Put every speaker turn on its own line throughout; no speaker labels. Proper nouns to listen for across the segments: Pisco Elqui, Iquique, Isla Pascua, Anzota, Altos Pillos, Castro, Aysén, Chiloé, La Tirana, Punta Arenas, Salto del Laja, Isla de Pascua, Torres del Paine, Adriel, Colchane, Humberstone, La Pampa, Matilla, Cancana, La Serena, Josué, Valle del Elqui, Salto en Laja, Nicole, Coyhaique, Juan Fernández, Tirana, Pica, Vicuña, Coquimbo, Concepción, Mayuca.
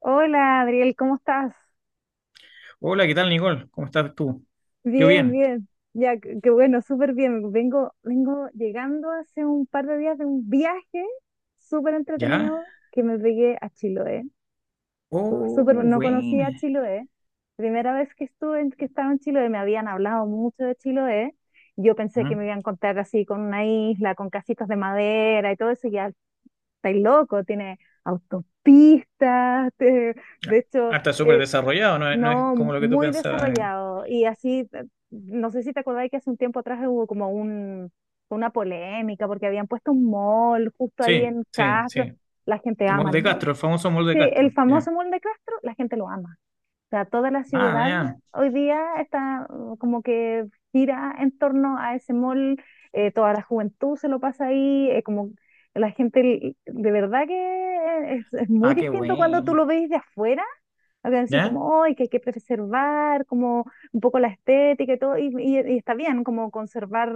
Hola, Adriel, ¿cómo estás?
Hola, ¿qué tal, Nicole? ¿Cómo estás tú? Yo
Bien,
bien.
bien. Ya, qué bueno, súper bien. Vengo llegando hace un par de días de un viaje súper
¿Ya?
entretenido que me pegué a Chiloé. Súper,
Oh,
no
bueno.
conocía Chiloé. Primera vez que estuve, que estaba en Chiloé, me habían hablado mucho de Chiloé. Yo pensé que
Mm,
me iban a contar así con una isla, con casitas de madera y todo eso. Ya estáis loco, tiene autopistas, de
ya. Ah,
hecho,
está súper desarrollado, no es
no,
como lo que tú
muy
pensabas.
desarrollado. Y así, no sé si te acordáis que hace un tiempo atrás hubo como una polémica porque habían puesto un mall justo ahí
Sí,
en
sí,
Castro.
sí.
La gente
El
ama el
molde
mall.
Castro, el famoso molde
Sí, el
Castro.
famoso
Ya.
mall de Castro, la gente lo ama. O sea, toda la
Ah,
ciudad
ya.
hoy día está como que gira en torno a ese mall. Toda la juventud se lo pasa ahí. Como la gente, de verdad que es muy
Ah, qué
distinto cuando tú
bueno.
lo ves de afuera algo así
¿Ya?
como, hoy que hay que preservar, como un poco la estética y todo, y está bien, como conservar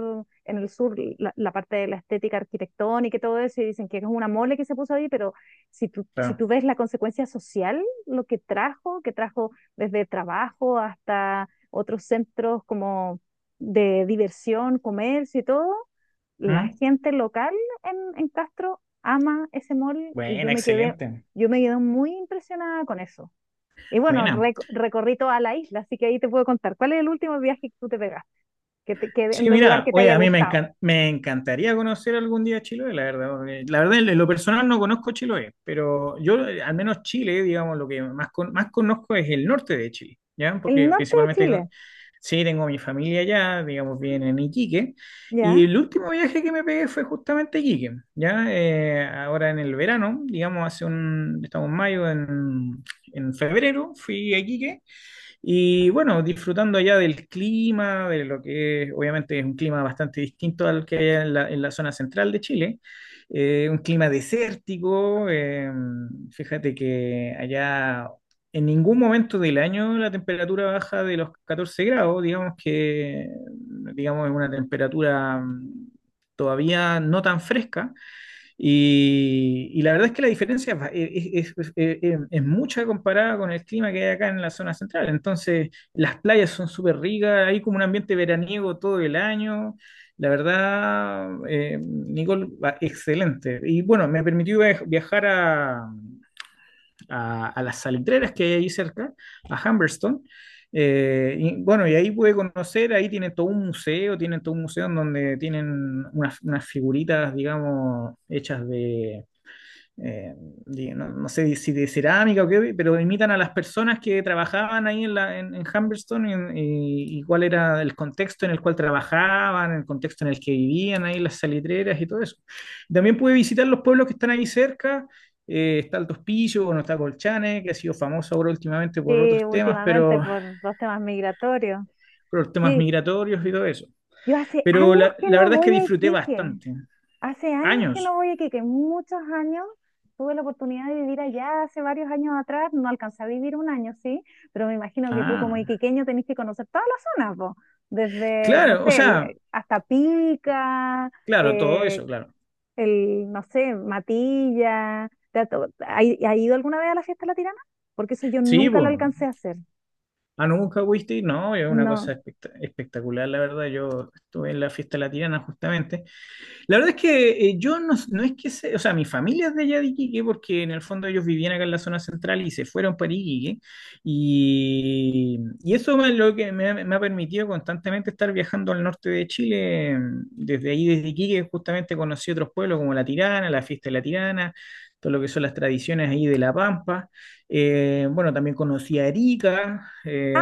en el sur la parte de la estética arquitectónica y todo eso, y dicen que es una mole que se puso ahí, pero si
Claro.
tú ves la consecuencia social, lo que trajo desde trabajo hasta otros centros como de diversión, comercio y todo, la
Mm.
gente local en Castro ama ese mall y
Buena, excelente.
yo me quedé muy impresionada con eso. Y bueno,
Buena.
recorrí toda la isla, así que ahí te puedo contar. ¿Cuál es el último viaje que tú te pegaste? ¿Que
Sí,
en un lugar
mira,
que te
oye,
haya
a mí
gustado?
me encantaría conocer algún día Chiloé, la verdad. Porque La verdad, en lo personal no conozco Chiloé, pero yo, al menos Chile, digamos, lo que más, más conozco es el norte de Chile, ¿ya?
El
Porque
norte de
principalmente,
Chile,
sí, tengo mi familia allá, digamos, bien en Iquique, y
¿ya?
el último viaje que me pegué fue justamente a Iquique, ¿ya? Ahora en el verano, digamos, estamos en mayo, en febrero fui a Iquique. Y bueno, disfrutando allá del clima, de obviamente es un clima bastante distinto al que hay en en la zona central de Chile, un clima desértico, fíjate que allá en ningún momento del año la temperatura baja de los 14 grados, digamos, es una temperatura todavía no tan fresca. Y la verdad es que la diferencia es mucha comparada con el clima que hay acá en la zona central. Entonces, las playas son súper ricas, hay como un ambiente veraniego todo el año. La verdad, Nicole, excelente. Y bueno, me permitió viajar a, a las salitreras que hay ahí cerca, a Humberstone. Y bueno, y ahí pude conocer, ahí tienen todo un museo, tienen todo un museo en donde tienen unas, unas figuritas, digamos, hechas de, eh, no, no sé si de cerámica o qué, pero imitan a las personas que trabajaban ahí en Humberstone y, y cuál era el contexto en el cual trabajaban, el contexto en el que vivían ahí, las salitreras y todo eso. También pude visitar los pueblos que están ahí cerca, está Altos Pillos, bueno, está Colchane, que ha sido famoso ahora últimamente por
Sí,
otros temas,
últimamente
pero
por los temas migratorios.
por temas
Sí,
migratorios y todo eso.
yo hace
Pero
años que
la
no
verdad es que
voy a
disfruté
Iquique.
bastante.
Hace años que no
Años.
voy a Iquique, muchos años. Tuve la oportunidad de vivir allá hace varios años atrás. No alcancé a vivir un año, sí, pero me imagino que tú como
Ah,
iquiqueño tenés que conocer todas las zonas, vos. Desde, no
claro, o
sé,
sea,
hasta Pica,
claro, todo
eh,
eso, claro.
el, no sé, Matilla. ¿Te ha, ha ido alguna vez a la fiesta de la Tirana? Porque eso yo
Sí,
nunca lo
pues.
alcancé a hacer.
Ah, no, nunca fuiste, no, es una cosa
No.
espectacular, la verdad. Yo estuve en la fiesta latina justamente. La verdad es que yo no, no es que se, o sea, mi familia es de allá de Iquique porque en el fondo ellos vivían acá en la zona central y se fueron para Iquique y eso es lo que me ha permitido constantemente estar viajando al norte de Chile, desde ahí, desde Iquique, justamente conocí otros pueblos como La Tirana, la Fiesta de La Tirana, todo lo que son las tradiciones ahí de La Pampa. Bueno, también conocí a Arica,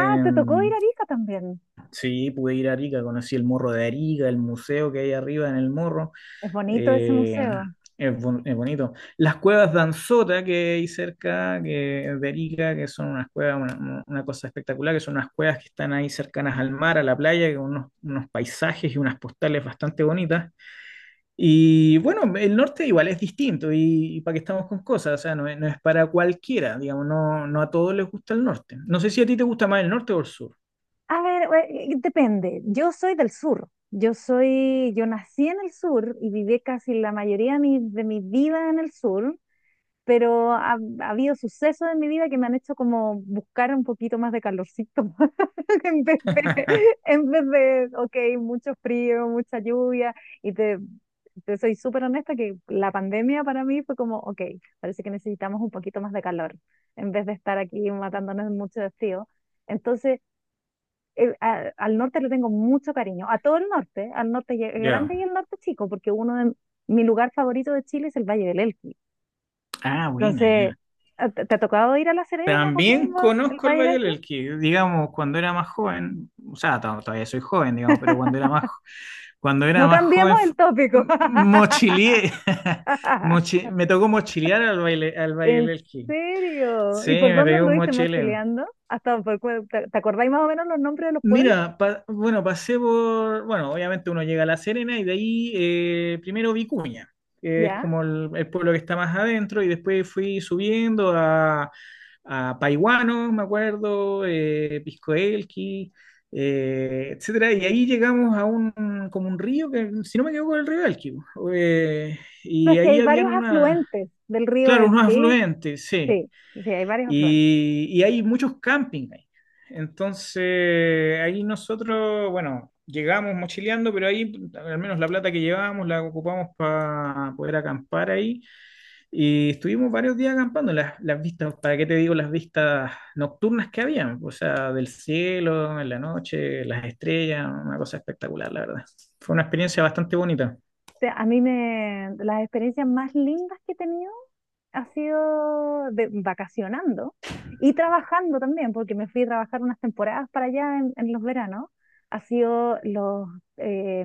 Ah, te tocó ir a Arica también.
sí, pude ir a Arica, conocí el morro de Arica, el museo que hay arriba en el morro.
Es bonito ese
Eh,
museo.
es bonito. Las cuevas de Anzota que hay cerca, que de Arica, que son unas cuevas, una cosa espectacular, que son unas cuevas que están ahí cercanas al mar, a la playa, con unos, unos paisajes y unas postales bastante bonitas. Y bueno, el norte igual es distinto y para qué estamos con cosas, o sea, no es para cualquiera, digamos, no, no a todos les gusta el norte. No sé si a ti te gusta más el norte o el sur.
A ver, depende. Yo soy del sur. Yo soy, yo nací en el sur y viví casi la mayoría de mi vida en el sur. Pero ha habido sucesos en mi vida que me han hecho como buscar un poquito más de calorcito, en vez de, en vez de, ok, mucho frío, mucha lluvia, y te, te soy súper honesta que la pandemia para mí fue como, ok, parece que necesitamos un poquito más de calor, en vez de estar aquí matándonos mucho de frío. Entonces, al norte le tengo mucho cariño, a todo el norte, al norte grande y
Ya.
al norte chico, porque uno de mi lugar favorito de Chile es el Valle del Elqui.
Ah, buena,
Entonces,
ya.
¿te ha tocado ir a La Serena,
También
Coquimbo, el
conozco el
Valle del
Valle del
Elqui?
Elqui, digamos, cuando era más joven, o sea, todavía soy joven, digamos, pero cuando era
No
más joven,
cambiemos el tópico.
mochileé, me tocó mochilear al, baile, al Valle del
¿En
Elqui.
serio?
Sí,
¿Y por
me
dónde
pegó un
anduviste
mochileo.
mochileando? Hasta por, te acordáis más o menos los nombres de los pueblos?
Mira, bueno, pasé por, bueno, obviamente uno llega a La Serena y de ahí primero Vicuña, que es
¿Ya?
como el pueblo que está más adentro, y después fui subiendo a Paiguano, me acuerdo, Pisco Elqui, etcétera, y ahí llegamos a un, como un río que, si no me equivoco, el río Elqui, eh,
No,
y
es que hay
ahí habían
varios
una,
afluentes del río
claro, unos
Elqui.
afluentes, sí,
Sí, sí, hay varios afluentes.
y hay muchos campings ahí. Entonces, ahí nosotros, bueno, llegamos mochileando, pero ahí al menos la plata que llevábamos la ocupamos para poder acampar ahí. Y estuvimos varios días acampando. Las vistas, ¿para qué te digo las vistas nocturnas que habían? O sea, del cielo, en la noche, las estrellas, una cosa espectacular, la verdad. Fue una experiencia bastante bonita.
Sea, las experiencias más lindas que he tenido ha sido de, vacacionando y trabajando también, porque me fui a trabajar unas temporadas para allá en los veranos. Ha sido los eh,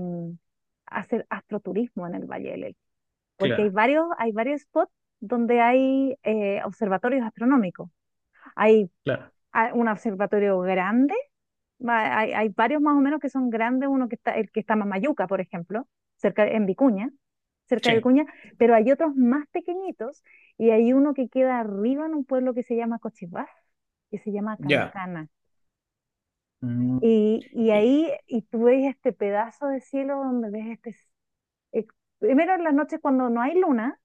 hacer astroturismo en el Valle del Elqui, porque
Claro,
hay varios spots donde hay observatorios astronómicos. Hay
claro.
un observatorio grande. Hay, hay varios más o menos que son grandes, uno que está, el que está más Mayuca, por ejemplo, cerca en Vicuña, cerca de
Sí,
Vicuña, pero hay otros más pequeñitos y hay uno que queda arriba en un pueblo que se llama Cochibás, que se llama
ya.
Cancana.
Mm,
Y
y-
ahí, y tú ves este pedazo de cielo donde ves este eh, primero en las noches cuando no hay luna,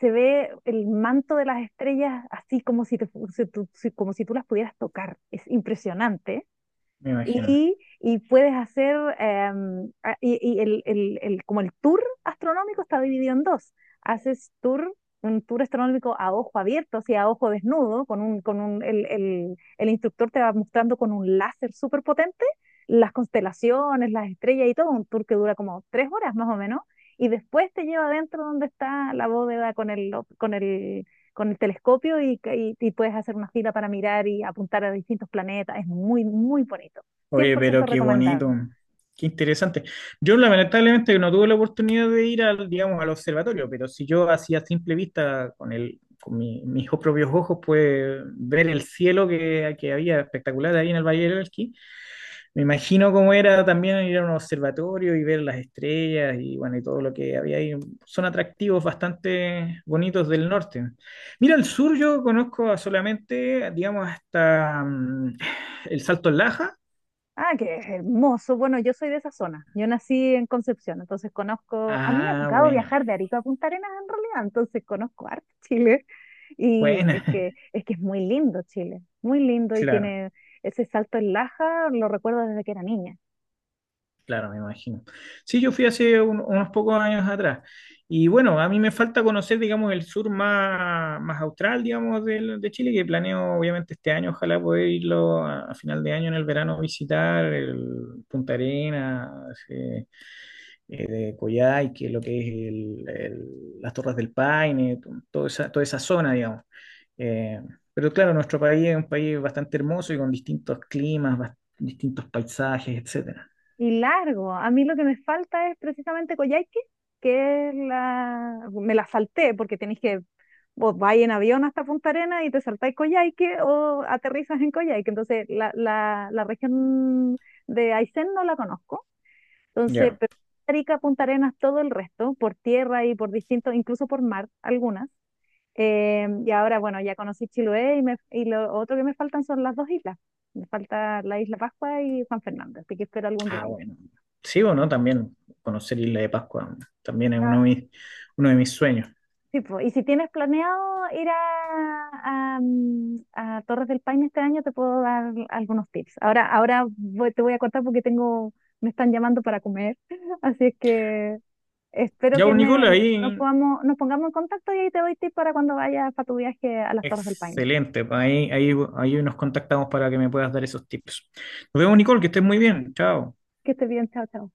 se ve el manto de las estrellas así como si, si tú como si tú las pudieras tocar. Es impresionante.
me imagino.
Y, y puedes hacer, y como el tour astronómico está dividido en dos. Haces tour, un tour astronómico a ojo abierto, o sea, a ojo desnudo, con un, el instructor te va mostrando con un láser súper potente las constelaciones, las estrellas y todo, un tour que dura como tres horas más o menos, y después te lleva adentro donde está la bóveda con el, con el telescopio y, y puedes hacer una fila para mirar y apuntar a distintos planetas. Es muy, muy bonito.
Oye, pero
100%
qué
recomendable.
bonito, qué interesante. Yo lamentablemente no tuve la oportunidad de ir al, digamos, al observatorio, pero si yo hacía simple vista con con mis propios ojos, pues ver el cielo que había espectacular ahí en el Valle del Elqui. Me imagino cómo era también ir a un observatorio y ver las estrellas y bueno, y todo lo que había ahí. Son atractivos bastante bonitos del norte. Mira, el sur yo conozco solamente, digamos, hasta el Salto del Laja.
Ah, qué hermoso. Bueno, yo soy de esa zona. Yo nací en Concepción, entonces conozco, a mí me ha
Ah,
tocado viajar de Arica a Punta Arenas en realidad, entonces conozco harto Chile. Y
buena,
es que, es que es muy lindo Chile, muy lindo y
claro,
tiene ese salto en Laja, lo recuerdo desde que era niña.
claro, me imagino. Sí, yo fui hace unos pocos años atrás. Y bueno, a mí me falta conocer, digamos, el sur más, más austral, digamos, de Chile, que planeo, obviamente, este año, ojalá poder irlo a final de año en el verano, visitar el Punta Arenas, eh, de Coyhaique, lo que es las Torres del Paine, toda esa zona, digamos. Eh, pero claro, nuestro país es un país bastante hermoso y con distintos climas, distintos paisajes, etcétera.
Y largo, a mí lo que me falta es precisamente Coyhaique, que es la, me la salté porque tenéis que vos vais en avión hasta Punta Arenas y te saltáis Coyhaique o aterrizas en Coyhaique. Entonces, la región de Aysén no la conozco. Entonces,
Ya.
pero Arica, Punta Arenas, todo el resto, por tierra y por distintos, incluso por mar, algunas. Y ahora, bueno, ya conocí Chiloé y lo otro que me faltan son las dos islas. Me falta la Isla Pascua y Juan Fernández, así que espero algún
Ah,
día ir.
bueno. Sí o no, también conocer Isla de Pascua también es uno de mis sueños.
Sí, po. Y si tienes planeado ir a, mm, a Torres del Paine este año, te puedo dar algunos tips. Ahora, te voy a cortar porque tengo, me están llamando para comer, así es que espero
Ya,
que
pues,
me,
Nicola,
nos
ahí
podamos, nos pongamos en contacto y ahí te doy tips para cuando vayas para tu viaje a las Torres del Paine.
excelente. Pues, ahí, ahí, ahí nos contactamos para que me puedas dar esos tips. Nos vemos, Nicole, que estés muy bien. Chao.
Que estés bien, chao, chao.